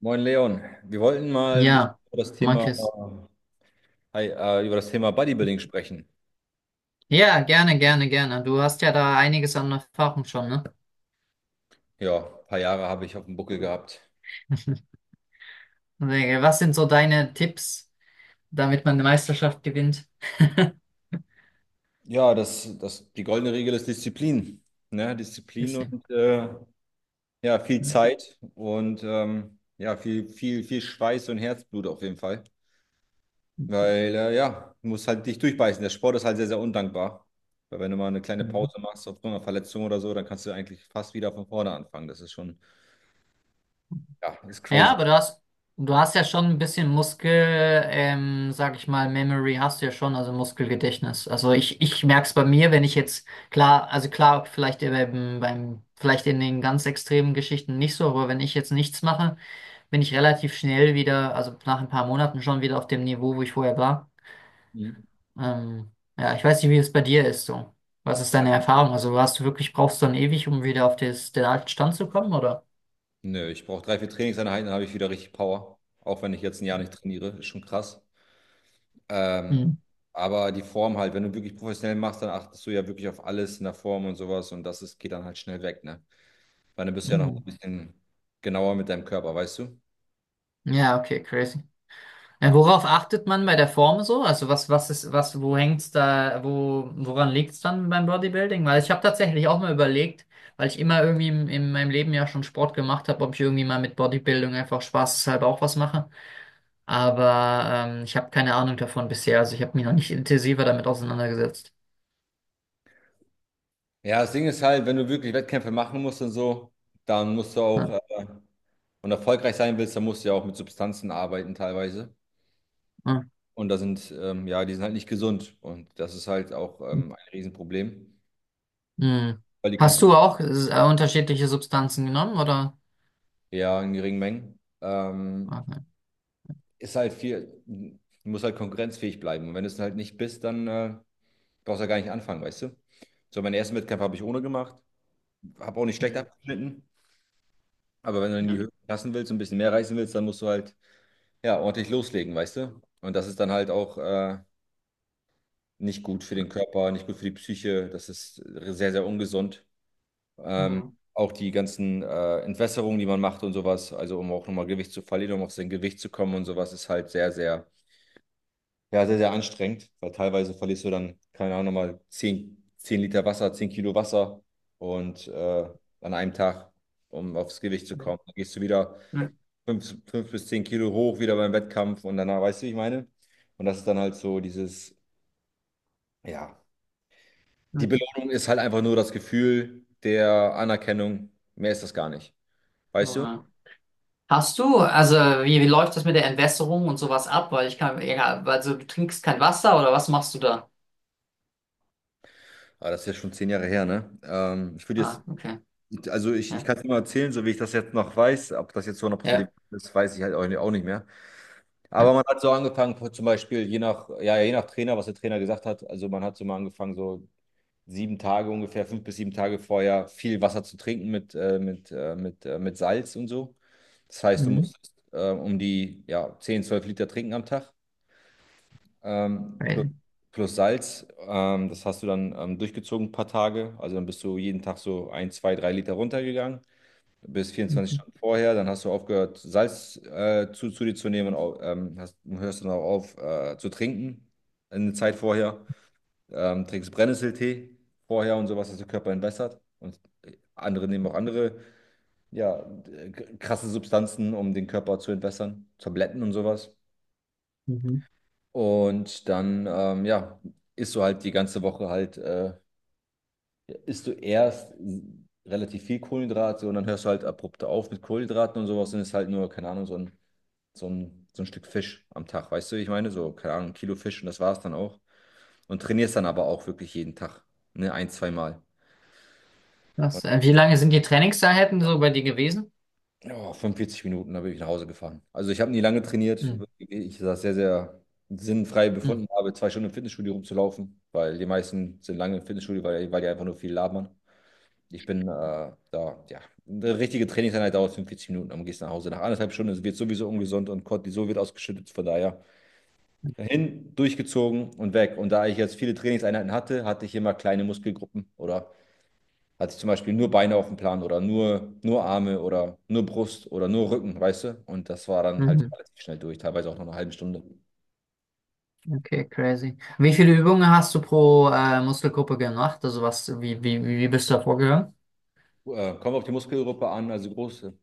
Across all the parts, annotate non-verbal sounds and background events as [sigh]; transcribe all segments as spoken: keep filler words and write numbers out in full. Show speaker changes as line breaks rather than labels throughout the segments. Moin Leon, wir wollten mal ein bisschen
Ja,
über das
mag
Thema,
es.
Hi, äh, über das Thema Bodybuilding sprechen.
Ja, gerne, gerne, gerne. Du hast ja da einiges an Erfahrung schon, ne?
Ja, ein paar Jahre habe ich auf dem Buckel gehabt.
[laughs] Was sind so deine Tipps, damit man eine Meisterschaft gewinnt? [laughs]
Ja, das, das, die goldene Regel ist Disziplin. Ne? Disziplin
Bisschen.
und äh, ja, viel
Ne?
Zeit und ähm, ja, viel, viel, viel Schweiß und Herzblut auf jeden Fall. Weil äh, ja, du musst halt dich durchbeißen. Der Sport ist halt sehr, sehr undankbar. Weil wenn du mal eine kleine Pause
Mhm.
machst aufgrund einer Verletzung oder so, dann kannst du eigentlich fast wieder von vorne anfangen. Das ist schon, ja, das ist
Ja,
crazy.
aber du hast, du hast ja schon ein bisschen Muskel, ähm, sag ich mal, Memory hast du ja schon, also Muskelgedächtnis. Also ich, ich merke es bei mir, wenn ich jetzt, klar, also klar, vielleicht beim, beim, vielleicht in den ganz extremen Geschichten nicht so, aber wenn ich jetzt nichts mache, bin ich relativ schnell wieder, also nach ein paar Monaten schon wieder auf dem Niveau, wo ich vorher war.
Mhm.
Ähm, ja, ich weiß nicht, wie es bei dir ist so. Was ist deine Erfahrung? Also hast du wirklich, brauchst du dann ewig, um wieder auf des, den alten Stand zu kommen, oder?
Nö, ich brauche drei, vier Trainingseinheiten, dann habe ich wieder richtig Power. Auch wenn ich jetzt ein Jahr nicht trainiere, ist schon krass. Ähm,
Mhm.
aber die Form halt, wenn du wirklich professionell machst, dann achtest du ja wirklich auf alles in der Form und sowas und das ist, geht dann halt schnell weg, ne? Weil dann bist du ja noch
Mhm.
ein bisschen genauer mit deinem Körper, weißt du?
Ja, okay, crazy. Ja, worauf achtet man bei der Form so? Also was, was ist, was, wo hängt's da, wo, woran liegt's dann beim Bodybuilding? Weil ich habe tatsächlich auch mal überlegt, weil ich immer irgendwie in, in meinem Leben ja schon Sport gemacht habe, ob ich irgendwie mal mit Bodybuilding einfach spaßeshalber auch was mache. Aber ähm, ich habe keine Ahnung davon bisher. Also ich habe mich noch nicht intensiver damit auseinandergesetzt.
Ja, das Ding ist halt, wenn du wirklich Wettkämpfe machen musst und so, dann musst du auch,
Ja.
äh, und erfolgreich sein willst, dann musst du ja auch mit Substanzen arbeiten teilweise.
Ja.
Und da sind, ähm, ja, die sind halt nicht gesund und das ist halt auch ähm, ein Riesenproblem,
Hm.
weil die
Hast
Konkurrenz.
du auch äh, unterschiedliche Substanzen genommen, oder?
Ja, in geringen Mengen. Ähm,
Okay.
ist halt viel, du musst halt konkurrenzfähig bleiben. Und wenn du es halt nicht bist, dann äh, brauchst du ja gar nicht anfangen, weißt du? So, meinen ersten Wettkampf habe ich ohne gemacht, habe auch nicht schlecht
Hm.
abgeschnitten. Aber wenn du in die
Ja.
Höhe passen willst und ein bisschen mehr reißen willst, dann musst du halt ja ordentlich loslegen, weißt du? Und das ist dann halt auch äh, nicht gut für den Körper, nicht gut für die Psyche. Das ist sehr, sehr ungesund. Ähm,
Hm.
Auch die ganzen äh, Entwässerungen, die man macht und sowas, also um auch nochmal Gewicht zu verlieren, um auf sein Gewicht zu kommen und sowas, ist halt sehr, sehr. Ja, sehr, sehr anstrengend, weil teilweise verlierst du dann, keine Ahnung, nochmal zehn zehn Liter Wasser, zehn Kilo Wasser und äh, an einem Tag, um aufs Gewicht zu kommen. Dann gehst du wieder
Hm.
fünf fünf bis zehn Kilo hoch, wieder beim Wettkampf und danach, weißt du, wie ich meine? Und das ist dann halt so dieses, ja, die
Hm.
Belohnung ist halt einfach nur das Gefühl der Anerkennung, mehr ist das gar nicht, weißt du?
Hm. Hast du, also wie, wie läuft das mit der Entwässerung und sowas ab? Weil ich kann, egal, also du trinkst kein Wasser oder was machst du da?
Aber das ist ja schon zehn Jahre her, ne? Ähm, ich würde
Ah,
jetzt,
okay.
also ich, ich
Ja.
kann es nur erzählen, so wie ich das jetzt noch weiß, ob das jetzt hundert Prozent
Ja.
ist, weiß ich halt auch nicht auch nicht mehr. Aber
Ja.
man hat so angefangen, zum Beispiel je nach, ja, je nach Trainer, was der Trainer gesagt hat. Also man hat so mal angefangen, so sieben Tage ungefähr, fünf bis sieben Tage vorher viel Wasser zu trinken mit, äh, mit, äh, mit, äh, mit Salz und so. Das heißt, du
Mhm.
musstest äh, um die ja, zehn zwölf Liter trinken am Tag ähm, plus,
Crazy.
plus Salz. Ähm, das hast du dann ähm, durchgezogen ein paar Tage. Also dann bist du jeden Tag so ein, zwei, drei Liter runtergegangen bis vierundzwanzig
Mhm.
Stunden vorher, dann hast du aufgehört, Salz äh, zu, zu dir zu nehmen und au- ähm, hast, hörst dann auch auf äh, zu trinken eine Zeit vorher, ähm, trinkst Brennnesseltee vorher und sowas, dass der Körper entwässert und andere nehmen auch andere, ja, äh, krasse Substanzen, um den Körper zu entwässern, Tabletten und sowas
Mhm.
und dann, ähm, ja, isst du halt die ganze Woche halt, äh, isst du erst relativ viel Kohlenhydrate und dann hörst du halt abrupt auf mit Kohlenhydraten und sowas und ist halt nur, keine Ahnung, so ein so ein, so ein Stück Fisch am Tag, weißt du, wie ich meine? So, keine Ahnung, ein Kilo Fisch und das war's dann auch. Und trainierst dann aber auch wirklich jeden Tag, ne, ein, zweimal.
Das, äh, wie lange sind die Trainingseinheiten so bei dir gewesen?
Ja, fünfundvierzig Minuten, da bin ich nach Hause gefahren. Also ich habe nie lange trainiert.
Mhm.
Ich das sehr, sehr sinnfrei
Mhm.
befunden habe, zwei Stunden im Fitnessstudio rumzulaufen, weil die meisten sind lange im Fitnessstudio, weil, weil die einfach nur viel labern. Ich bin äh, da, ja, eine richtige Trainingseinheit dauert fünfundvierzig Minuten, dann gehst du nach Hause. Nach anderthalb Stunden wird sowieso ungesund und Cortisol wird ausgeschüttet, von daher. Hin, durchgezogen und weg. Und da ich jetzt viele Trainingseinheiten hatte, hatte ich immer kleine Muskelgruppen oder hatte ich zum Beispiel nur Beine auf dem Plan oder nur, nur Arme oder nur Brust oder nur Rücken, weißt du? Und das war dann halt
Mhm.
relativ schnell durch, teilweise auch nach einer halben Stunde.
Okay, crazy. Wie viele Übungen hast du pro äh, Muskelgruppe gemacht? Also was, wie, wie, wie bist du da vorgegangen?
Äh, kommen wir auf die Muskelgruppe an, also große,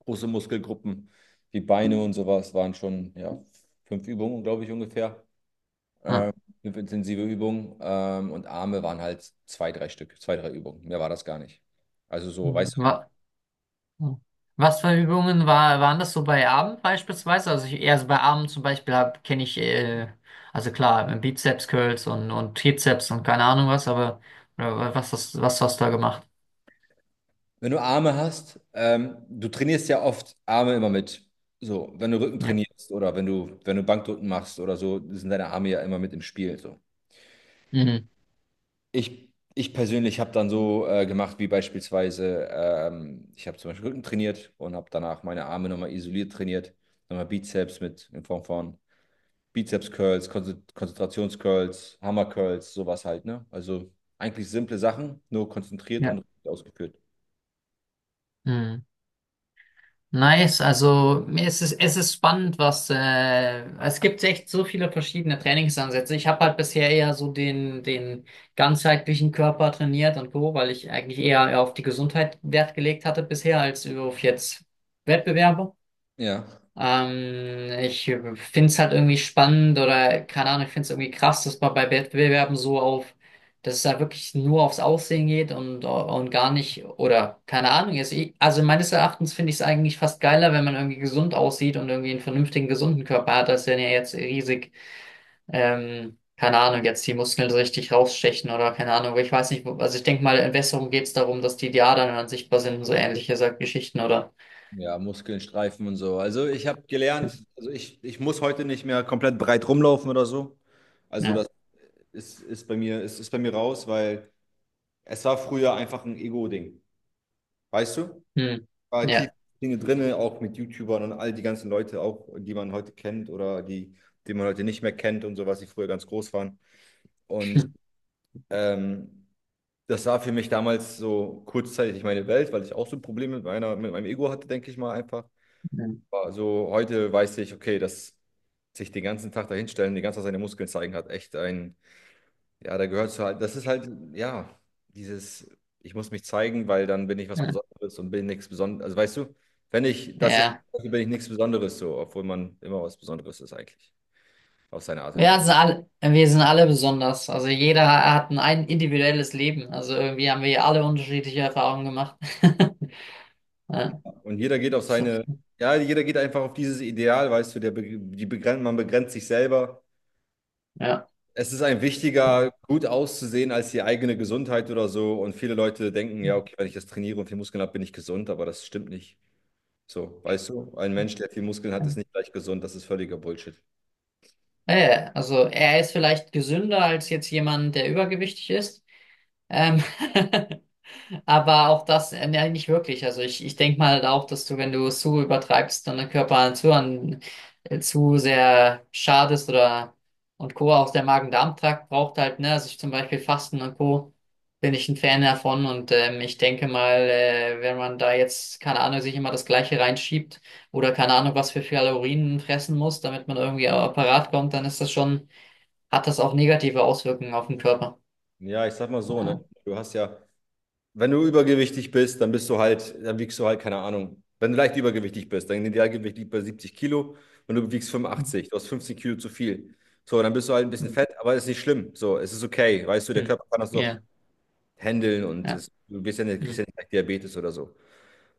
große Muskelgruppen wie Beine und sowas waren schon, ja, fünf Übungen, glaube ich, ungefähr.
Ja.
Fünf intensive Übungen. Ähm, und Arme waren halt zwei, drei Stück, zwei, drei Übungen. Mehr war das gar nicht. Also so, weißt
Wa- Was für Übungen war, waren das so bei Abend beispielsweise? Also ich, eher so bei Abend zum Beispiel hab, kenne ich, äh, also klar, Bizeps Curls und, und Trizeps und keine Ahnung was, aber äh, was, hast- was hast du da gemacht?
Wenn du Arme hast, ähm, du trainierst ja oft Arme immer mit. So, wenn du Rücken
Ja.
trainierst oder wenn du, wenn du Bankdrücken machst oder so, sind deine Arme ja immer mit im Spiel. So.
Mhm.
Ich, ich persönlich habe dann so äh, gemacht, wie beispielsweise, ähm, ich habe zum Beispiel Rücken trainiert und habe danach meine Arme nochmal isoliert trainiert, nochmal Bizeps mit in Form von Bizeps-Curls, Konze- Konzentrations-Curls, Hammer-Curls, sowas halt, ne? Also eigentlich simple Sachen, nur konzentriert und
Ja.
richtig ausgeführt.
Mhm. Nice, also es ist es, ist spannend, was äh, es gibt echt so viele verschiedene Trainingsansätze. Ich habe halt bisher eher so den, den ganzheitlichen Körper trainiert und so, weil ich eigentlich eher auf die Gesundheit Wert gelegt hatte bisher als auf jetzt Wettbewerbe.
Ja.
Ähm, ich finde es halt irgendwie spannend oder keine Ahnung, ich finde es irgendwie krass, dass man bei Wettbewerben so auf, dass es da wirklich nur aufs Aussehen geht und, und gar nicht, oder keine Ahnung, jetzt, ich- also meines Erachtens finde ich es eigentlich fast geiler, wenn man irgendwie gesund aussieht und irgendwie einen vernünftigen, gesunden Körper hat, als wenn er jetzt riesig, ähm, keine Ahnung, jetzt die Muskeln so richtig rausstechen oder keine Ahnung, aber ich weiß nicht, wo- also ich denke mal, in Besserung geht es darum, dass die Adern dann sichtbar sind und so ähnliche so Geschichten, oder?
Ja, Muskeln streifen und so. Also ich habe gelernt, also ich, ich muss heute nicht mehr komplett breit rumlaufen oder so. Also
Ja.
das ist, ist bei mir, ist, ist bei mir raus, weil es war früher einfach ein Ego-Ding. Weißt du?
Hm.
War tief
Ja.
Dinge drin, auch mit YouTubern und all die ganzen Leute, auch die man heute kennt oder die, die man heute nicht mehr kennt und so, was die früher ganz groß waren. Und ähm, das war für mich damals so kurzzeitig meine Welt, weil ich auch so Probleme mit meiner, mit meinem Ego hatte, denke ich mal einfach.
[laughs]
Also heute weiß ich, okay, dass sich den ganzen Tag dahinstellen, die ganze Zeit seine Muskeln zeigen, hat echt ein, ja, da gehört zu halt, das ist halt, ja, dieses, ich muss mich zeigen, weil dann bin ich was Besonderes und bin nichts Besonderes. Also weißt du, wenn ich das jetzt,
Ja.
mache, bin ich nichts Besonderes so, obwohl man immer was Besonderes ist eigentlich, auf seine Art und
Ja,
Weise.
wir sind alle, wir sind alle besonders. Also jeder hat ein, ein individuelles Leben. Also irgendwie haben wir alle unterschiedliche Erfahrungen gemacht. [laughs] Ja,
Und jeder geht auf
so,
seine, ja, jeder geht einfach auf dieses Ideal, weißt du, der, be- die begrenzt, man begrenzt sich selber.
ja.
Es ist ein wichtiger, gut auszusehen als die eigene Gesundheit oder so. Und viele Leute denken, ja, okay, wenn ich das trainiere und viel Muskeln habe, bin ich gesund, aber das stimmt nicht. So, weißt du, ein Mensch, der viel Muskeln hat, ist nicht gleich gesund. Das ist völliger Bullshit.
Ja, ja, also er ist vielleicht gesünder als jetzt jemand, der übergewichtig ist. Ähm, [laughs] Aber auch das, äh, ja, nicht wirklich. Also ich, ich denke mal auch, dass du, wenn du es zu übertreibst, und den Körper zu, an, äh, zu sehr schadest oder und Co. Auch der Magen-Darm-Trakt braucht halt, ne, also ich zum Beispiel Fasten und Co. bin ich ein Fan davon und ähm, ich denke mal, äh, wenn man da jetzt, keine Ahnung, sich immer das Gleiche reinschiebt oder keine Ahnung, was für Kalorien fressen muss, damit man irgendwie auch parat kommt, dann ist das schon, hat das auch negative Auswirkungen auf den Körper.
Ja, ich sag mal so,
Ja.
ne? Du hast ja, wenn du übergewichtig bist, dann bist du halt, dann wiegst du halt, keine Ahnung. Wenn du leicht übergewichtig bist, dein Idealgewicht liegt bei siebzig Kilo und du wiegst
Hm.
fünfundachtzig, du hast fünfzehn Kilo zu viel. So, dann bist du halt ein bisschen
Hm.
fett, aber ist nicht schlimm. So, es ist okay, weißt du, der
Hm.
Körper kann das doch
Ja.
handeln und
Ja.
es, du bist ja nicht, kriegst
Hm.
ja nicht gleich Diabetes oder so.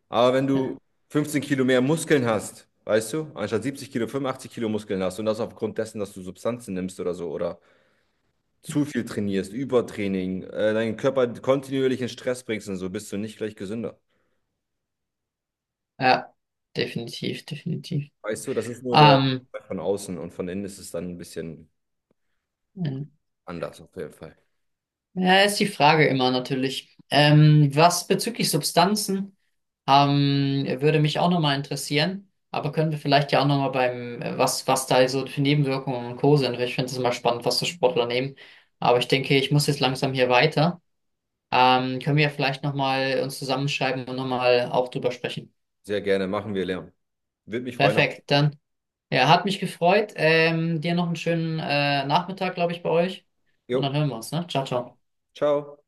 Aber wenn
Ja,
du fünfzehn Kilo mehr Muskeln hast, weißt du, anstatt siebzig Kilo, fünfundachtzig Kilo Muskeln hast und das aufgrund dessen, dass du Substanzen nimmst oder so oder zu viel trainierst, Übertraining, äh, deinen Körper kontinuierlich in Stress bringst und so, bist du nicht gleich gesünder.
ja, definitiv, definitiv.
Weißt du, das ist nur der
Ähm,
von außen und von innen ist es dann ein bisschen anders auf jeden Fall.
ja, ist die Frage immer natürlich. Ähm, was bezüglich Substanzen ähm, würde mich auch nochmal interessieren, aber können wir vielleicht ja auch nochmal beim, äh, was, was da so für Nebenwirkungen und Co. sind. Weil ich finde es immer spannend, was so Sportler nehmen. Aber ich denke, ich muss jetzt langsam hier weiter. Ähm, können wir ja vielleicht nochmal uns zusammenschreiben und nochmal auch drüber sprechen.
Sehr gerne, machen wir Lärm. Würde mich freuen. auf-
Perfekt, dann. Ja, hat mich gefreut. Ähm, dir noch einen schönen äh, Nachmittag, glaube ich, bei euch. Und dann
Jo,
hören wir uns, ne? Ciao, ciao.
ciao.